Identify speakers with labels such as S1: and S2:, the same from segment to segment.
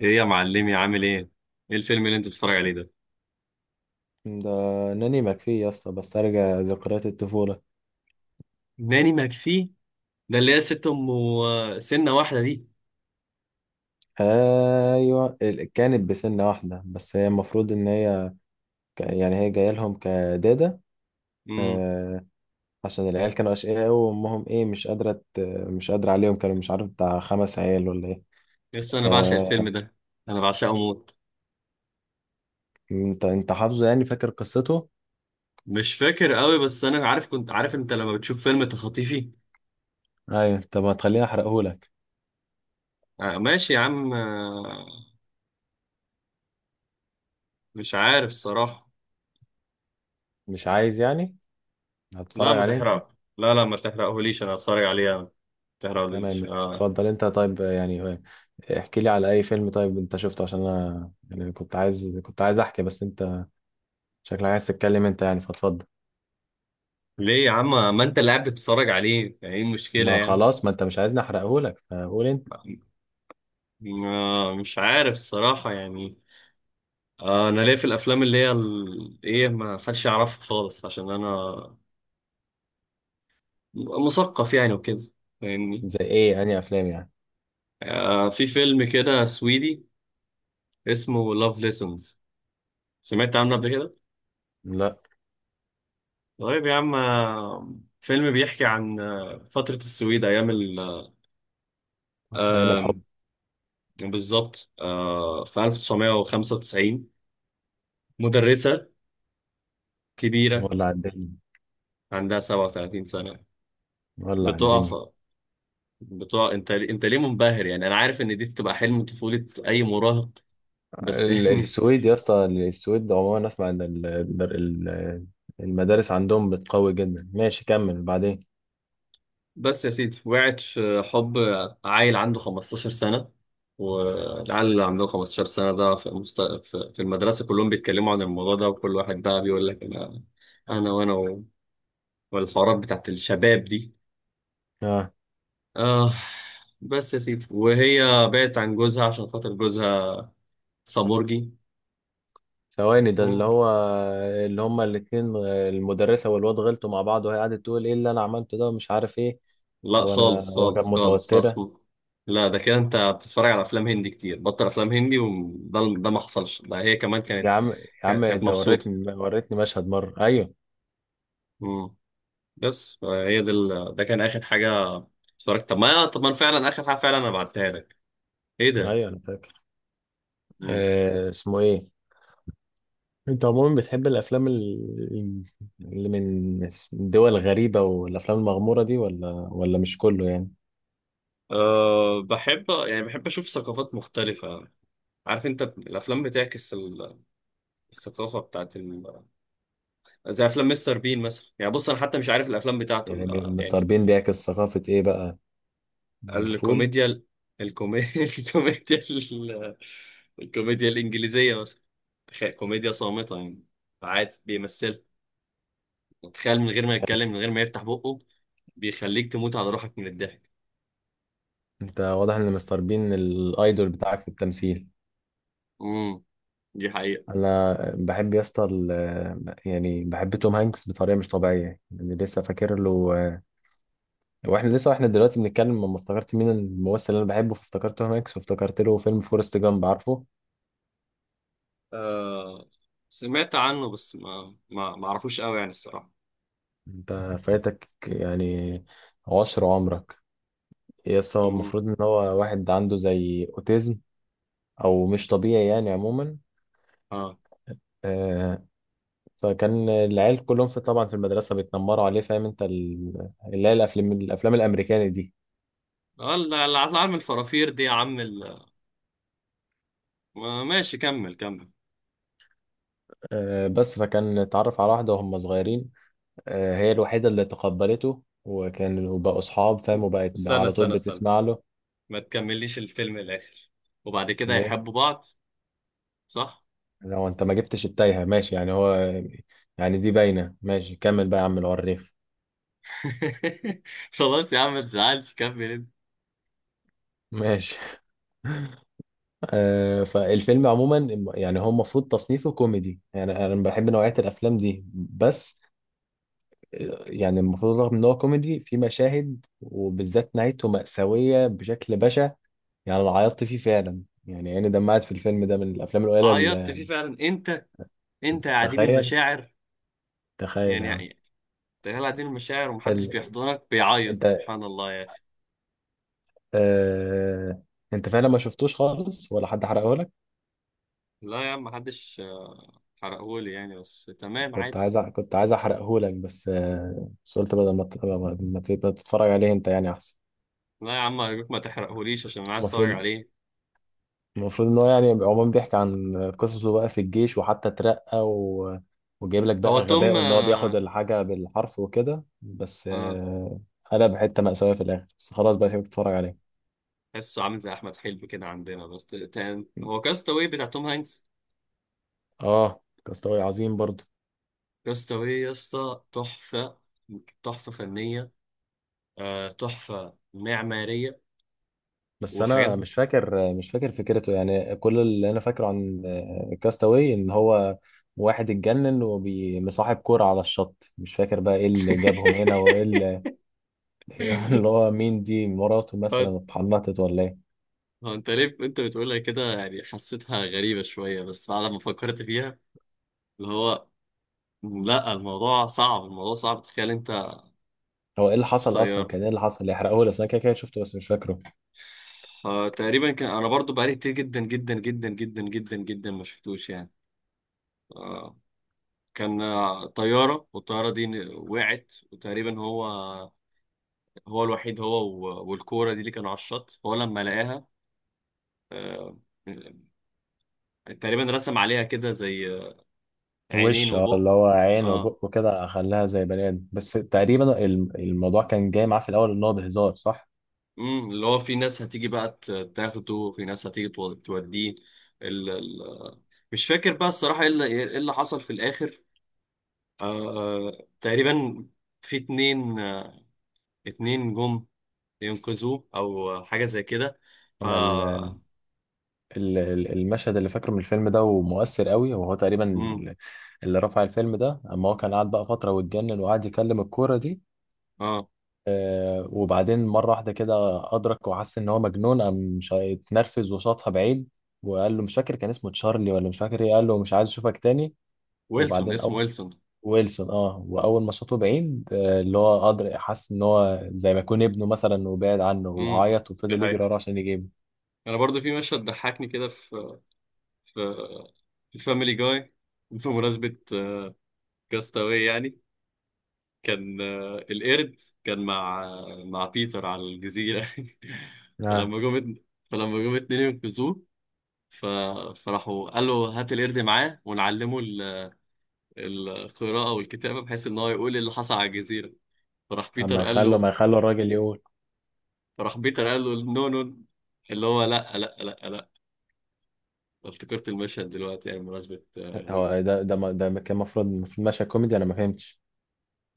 S1: ايه يا معلمي، عامل ايه؟ ايه الفيلم اللي انت بتتفرج عليه ده؟
S2: ده ناني مكفي يا اسطى، بسترجع ذكريات الطفولة.
S1: ناني ماكفي. ده اللي هي ست ام وسنه واحده دي؟
S2: ايوه، كانت بسن واحدة، بس هي المفروض ان هي يعني هي جاية لهم كدادة.
S1: امم.
S2: آه، عشان العيال كانوا اشقياء أوي، وامهم ايه مش قادرة مش قادرة عليهم، كانوا مش عارف بتاع 5 عيال ولا ايه.
S1: لسه انا بعشق
S2: آه،
S1: الفيلم ده. انا بعشقه موت.
S2: انت حافظه يعني فاكر قصته؟
S1: مش فاكر قوي، بس انا عارف، كنت عارف انت لما بتشوف فيلم تخطيفي.
S2: ايوه، طب ما تخليني احرقهولك.
S1: آه ماشي يا عم، آه. مش عارف الصراحه.
S2: مش عايز يعني.
S1: لا،
S2: هتتفرج
S1: ما
S2: عليه انت؟
S1: تحرق لا لا ما تحرقهوليش، انا هتفرج عليه يعني. ما تحرقهوليش،
S2: تمام،
S1: آه.
S2: اتفضل انت طيب يعني، احكي لي على اي فيلم طيب انت شفته، عشان انا يعني كنت عايز احكي، بس انت شكلك عايز تتكلم انت يعني، فاتفضل.
S1: ليه يا عم؟ ما انت اللي قاعد بتتفرج عليه يعني، ايه المشكله
S2: ما
S1: يعني؟
S2: خلاص، ما انت مش عايزني احرقه لك، فقول انت.
S1: آه، مش عارف الصراحه يعني. انا ليا في الافلام اللي هي ايه، ما حدش يعرفها خالص، عشان انا مثقف يعني وكده. فاهمني؟
S2: زي ايه؟ انهي افلام يعني؟
S1: آه في فيلم كده سويدي، اسمه لاف ليسونز. سمعت عنه قبل كده؟
S2: لا.
S1: طيب يا عم، آه. فيلم بيحكي عن فترة السويد ايام
S2: ايام
S1: آم،
S2: الحب.
S1: بالظبط. في 1995 مدرسة كبيرة،
S2: ولا على الدنيا.
S1: عندها 37 سنة.
S2: ولا على
S1: بتقع
S2: الدنيا.
S1: في- بتقع. انت ليه منبهر يعني؟ انا عارف ان دي بتبقى حلم طفولة اي مراهق، بس يعني.
S2: السويد يا اسطى، السويد عموما اسمع ان ال- المدارس عندهم بتقوي جدا. ماشي، كمل بعدين.
S1: بس يا سيدي، وقعت في حب عيل عنده 15 سنة. والعيال اللي عندهم 15 سنة ده في, مست... في في المدرسة كلهم بيتكلموا عن الموضوع ده، وكل واحد بقى بيقول لك أنا. أنا وأنا و... والحوارات بتاعت الشباب دي،
S2: آه.
S1: آه. بس يا سيدي، وهي بعدت عن جوزها عشان خاطر جوزها خمرجي.
S2: ثواني، ده اللي
S1: مم.
S2: هو، اللي هما الاتنين المدرسة والواد غلطوا مع بعض، وهي قعدت تقول ايه اللي انا عملته ده، ومش عارف ايه،
S1: لا،
S2: وانا
S1: خالص
S2: هو كانت
S1: خالص خالص خالص.
S2: متوترة.
S1: مم. لا، ده كده انت بتتفرج على افلام هندي كتير، بطل افلام هندي. وده ما حصلش. ده هي كمان كانت
S2: يا عم يا عم،
S1: كانت كانت
S2: انت
S1: مبسوطه.
S2: وريتني مشهد مرة، ايوه.
S1: امم. بس هي دي ده كان اخر حاجه اتفرجت. طب ما انا فعلا اخر حاجه، فعلا انا بعتها لك. ايه ده؟
S2: ايوه انا فاكر.
S1: امم.
S2: اسمه ايه؟ انت عموما بتحب الافلام، اللي من دول غريبة، والافلام المغمورة دي، ولا مش كله يعني؟
S1: أه بحب يعني، بحب اشوف ثقافات مختلفه. عارف انت الافلام بتعكس الثقافه بتاعت زي افلام مستر بين مثلا. يعني بص، انا حتى مش عارف الافلام بتاعته
S2: يعني مستر
S1: يعني.
S2: بين بيعكس ثقافة ايه بقى؟ الفول.
S1: الكوميديا. الكومي... الكوميديا الكوميديا الانجليزيه مثلا. تخيل كوميديا صامته يعني. عادي بيمثلها. تخيل من غير ما يتكلم، من غير ما يفتح بقه، بيخليك تموت على روحك من الضحك.
S2: انت واضح ان مستر بين الايدول بتاعك في التمثيل.
S1: امم، دي حقيقة.
S2: انا بحب يا اسطى، يعني بحب توم هانكس بطريقه مش طبيعيه. يعني لسه فاكر له، واحنا لسه دلوقتي بنتكلم، لما افتكرت مين الممثل اللي انا بحبه، فافتكرت توم هانكس، وافتكرت له فيلم فورست جامب، عارفه؟
S1: آه، سمعت عنه، بس ما اعرفوش قوي يعني الصراحة.
S2: انت فايتك يعني عشر عمرك. يا اسطى، هو
S1: امم.
S2: المفروض ان هو واحد عنده زي اوتيزم، او مش طبيعي يعني عموما.
S1: اه
S2: آه، فكان العيال كلهم، في طبعا في المدرسه، بيتنمروا عليه، فاهم انت اللي هي الافلام الامريكاني دي.
S1: اه، اللي هطلع من الفرافير دي يا عم ماشي، كمل كمل.
S2: بس فكان اتعرف على واحدة وهم صغيرين. هي الوحيدة اللي تقبلته، وكان وبقوا أصحاب فاهم، وبقت
S1: استنى
S2: على طول
S1: استنى استنى،
S2: بتسمع له.
S1: ما تكمليش الفيلم الاخر، وبعد كده
S2: ليه؟
S1: يحبوا بعض، صح؟
S2: لو أنت ما جبتش التايهة ماشي، يعني هو يعني دي باينة. ماشي كمل بقى يا عم العريف.
S1: خلاص يا عم ما تزعلش، كمل انت.
S2: ماشي. فالفيلم عموما، يعني هو المفروض تصنيفه كوميدي، يعني أنا بحب نوعية الأفلام دي، بس يعني المفروض، رغم إن هو كوميدي في مشاهد، وبالذات نهايته مأساوية بشكل بشع. يعني انا عيطت فيه فعلا، يعني عيني دمعت في الفيلم ده، من الافلام القليله
S1: عيطت
S2: اللي.
S1: فيه فعلا انت؟ انت يا عديم
S2: تخيل،
S1: المشاعر
S2: تخيل يا عم.
S1: يعني؟ تخيل، دي المشاعر ومحدش
S2: ال...
S1: بيحضنك بيعيط،
S2: انت
S1: سبحان الله يعني.
S2: آه... انت فعلا ما شفتوش خالص، ولا حد حرقه لك؟
S1: لا يا عم، محدش حرقهولي يعني، بس تمام عادي.
S2: كنت عايز احرقه لك، بس قلت بدل ما ما تتفرج عليه انت يعني احسن.
S1: لا يا عم أرجوك، ما تحرقهوليش عشان أنا عايز أتفرج
S2: المفروض
S1: عليه.
S2: المفروض ان هو يعني عموما بيحكي عن قصصه بقى في الجيش، وحتى اترقى، وجايب لك
S1: هو
S2: بقى
S1: توم،
S2: غبائه ان هو
S1: آه.
S2: بياخد الحاجه بالحرف وكده، بس
S1: آه،
S2: قلب حته مأساوية في الاخر. بس خلاص بقى، سيبك تتفرج عليه.
S1: تحسه عامل زي أحمد حلمي كده عندنا، بس تاني هو كاستاوي بتاع توم هانكس.
S2: اه، كاستاوي عظيم برضو.
S1: كاستاوي يا اسطى تحفة. تحفة فنية. آه، تحفة معمارية.
S2: بس
S1: وحاجات.
S2: انا مش فاكر فكرته، يعني كل اللي انا فاكره عن كاستاوي، ان هو واحد اتجنن ومصاحب كورة على الشط، مش فاكر بقى ايه اللي جابهم هنا وايه اللي اللي هو مين دي، مراته
S1: هو
S2: مثلا اتحنطت ولا ايه؟
S1: هو انت ليه انت بتقولها كده يعني؟ حسيتها غريبة شوية، بس بعد ما فكرت فيها، اللي هو، لا، الموضوع صعب، الموضوع صعب، تخيل انت.
S2: هو ايه اللي
S1: مش
S2: حصل اصلا،
S1: طيارة؟
S2: كان ايه اللي حصل؟ يحرقه لي، اصل انا كده كده شفته بس مش فاكره.
S1: آه تقريبا كان. انا برضو بقالي كتير جدا جدا جدا جدا جدا جدا ما شفتوش يعني. آه. كان طيارة، والطيارة دي وقعت، وتقريبا هو الوحيد. هو، والكورة دي اللي كانوا على الشط، هو لما لقاها آه تقريبا رسم عليها كده زي عينين
S2: وش،
S1: وبق.
S2: اللي هو عين
S1: اه،
S2: وبق وكده، خلاها زي بني ادم. بس تقريبا الموضوع كان جاي معاه في الاول ان هو بهزار، صح؟
S1: امم، اللي هو في ناس هتيجي بقى تاخده، في ناس هتيجي توديه. مش فاكر بقى الصراحة ايه إيه اللي حصل في الآخر. آه تقريبا في اتنين، اتنين جم ينقذوه، أو حاجة زي كده. ف
S2: انا المشهد اللي فاكره من الفيلم ده، ومؤثر قوي، وهو تقريبا
S1: مم.
S2: اللي رفع الفيلم ده، اما هو كان قاعد بقى فترة واتجنن، وقعد يكلم الكورة دي.
S1: اه،
S2: وبعدين مرة واحدة كده أدرك وحس إن هو مجنون، قام اتنرفز وشاطها بعيد. وقال له، مش فاكر كان اسمه تشارلي ولا مش فاكر إيه، قال له مش عايز أشوفك تاني.
S1: ويلسون،
S2: وبعدين
S1: اسمه
S2: أول.
S1: ويلسون.
S2: ويلسون، أه، وأول ما شاطه بعيد، اللي هو أدرك، حس إن هو زي ما يكون ابنه مثلا، وبعد عنه،
S1: امم،
S2: وعيط
S1: دي
S2: وفضل يجري
S1: حقيقة.
S2: وراه عشان يجيبه.
S1: أنا برضو في مشهد ضحكني كده في في الفاميلي جاي بمناسبة كاستاوي يعني. كان القرد كان مع، مع بيتر على الجزيرة.
S2: آه.
S1: فلما جم فلما جم اتنين ينقذوه، ف... فراحوا قالوا هات القرد معاه، ونعلمه القراءة والكتابة، بحيث إن هو يقول إيه اللي حصل على الجزيرة. فراح
S2: طب
S1: بيتر
S2: ما
S1: قال
S2: يخلوا
S1: له
S2: ما يخلوا الراجل يقول.
S1: فراح بيتر قال له نو نو، اللي هو لا لا لا لا. افتكرت المشهد دلوقتي يعني، بمناسبة
S2: هو
S1: ويلز.
S2: ده، كان المفروض ماشي كوميدي، انا ما فهمتش.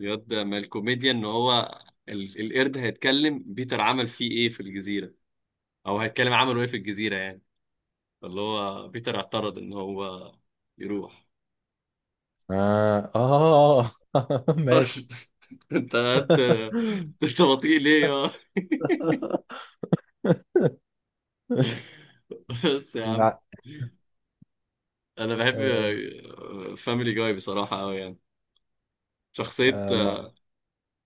S1: الواد ده، ما الكوميديا إن هو القرد هيتكلم بيتر عمل فيه إيه في الجزيرة، أو هيتكلم عمله إيه في الجزيرة يعني. فاللي هو بيتر اعترض إن هو يروح.
S2: اه اه، ماشي.
S1: انت انت انت بطيء ليه؟ بس يا عم،
S2: بع-
S1: انا بحب
S2: آه،
S1: فاميلي جاي بصراحه قوي يعني. شخصيه.
S2: آه، ما-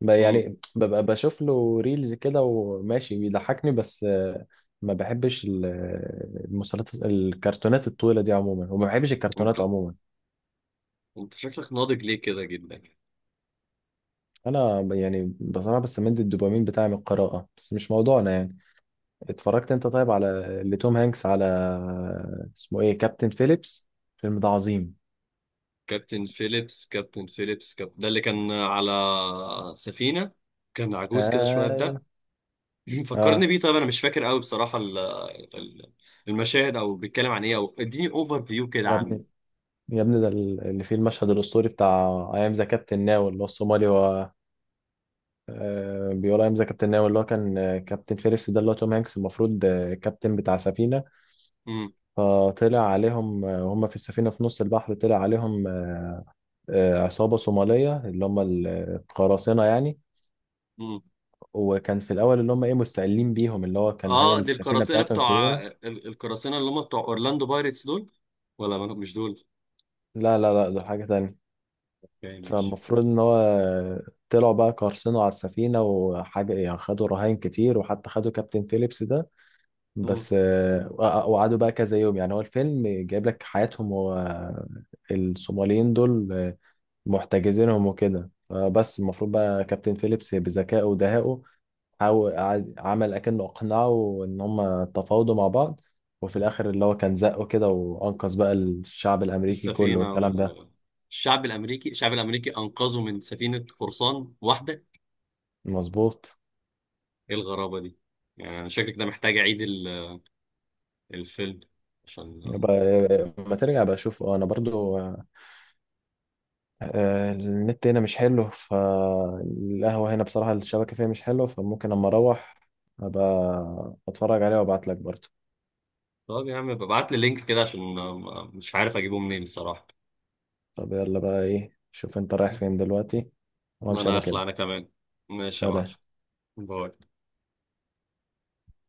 S1: امم.
S2: يعني ببقى بشوف له ريلز كده وماشي بيضحكني، بس ما بحبش المسلسلات الكرتونات الطويلة دي عموما، وما بحبش
S1: انت
S2: الكرتونات عموما.
S1: انت شكلك ناضج ليه كده جدا؟
S2: انا يعني بصراحة بستمد الدوبامين بتاعي من القراءة، بس مش موضوعنا يعني. اتفرجت انت طيب على لتوم هانكس، على اسمه ايه، كابتن فيليبس. الفيلم ده عظيم.
S1: كابتن فيليبس، كابتن فيليبس، ده اللي كان على سفينه، كان عجوز كده شويه
S2: اه،
S1: ده. فكرني
S2: اه.
S1: بيه. طيب انا مش فاكر قوي بصراحه ال- المشاهد، او بيتكلم عن ايه، او اديني اوفر فيو كده
S2: يا
S1: عنه.
S2: ابني يا ابني، ده اللي فيه المشهد الاسطوري بتاع ايام ذا كابتن ناو، اللي هو الصومالي، هو بيقول ايام ذا كابتن ناو. اللي هو كان كابتن فيليبس ده، اللي هو توم هانكس، المفروض كابتن بتاع سفينه،
S1: امم.
S2: فطلع عليهم وهم في السفينه في نص البحر، طلع عليهم عصابه صوماليه، اللي هم القراصنه يعني.
S1: امم.
S2: وكان في الاول اللي هم ايه مستقلين بيهم، اللي هو كان هي
S1: اه، دي
S2: السفينه
S1: القراصنه
S2: بتاعتهم
S1: بتوع
S2: كبيره.
S1: القراصنه اللي هم بتوع اورلاندو بايرتس دول، ولا مش دول؟
S2: لا لا لا، ده حاجة تانية.
S1: اوكي ماشي.
S2: فالمفروض إن هو طلعوا بقى، قرصنوا على السفينة وحاجة، يعني خدوا رهائن كتير، وحتى خدوا كابتن فيليبس ده، بس وقعدوا بقى كذا يوم، يعني هو الفيلم جايب لك حياتهم، هو الصوماليين دول محتجزينهم وكده. فبس المفروض بقى كابتن فيليبس بذكائه ودهائه عمل أكنه أقنعه إن هم تفاوضوا مع بعض، وفي الآخر اللي هو كان زقه كده، وأنقذ بقى الشعب الأمريكي كله
S1: السفينة
S2: والكلام ده.
S1: وال... الشعب الأمريكي، الشعب الأمريكي أنقذه من سفينة قرصان واحدة.
S2: مظبوط.
S1: إيه الغرابة دي يعني؟ أنا شكلك ده محتاج أعيد الفيلم عشان.
S2: يبقى ما ترجع بقى اشوف انا برضو. النت هنا مش حلو، فالقهوة هنا بصراحة الشبكة فيها مش حلوة، فممكن اما اروح ابقى اتفرج عليها وابعت لك برضو.
S1: طب يا عم، ببعت لي لينك كده، عشان مش عارف أجيبه منين الصراحة.
S2: طب يلا بقى، ايه، شوف انت رايح فين دلوقتي، وامشي
S1: أنا
S2: انا
S1: أخلع
S2: كده.
S1: أنا كمان. ماشي يا معلم.
S2: سلام.
S1: باي.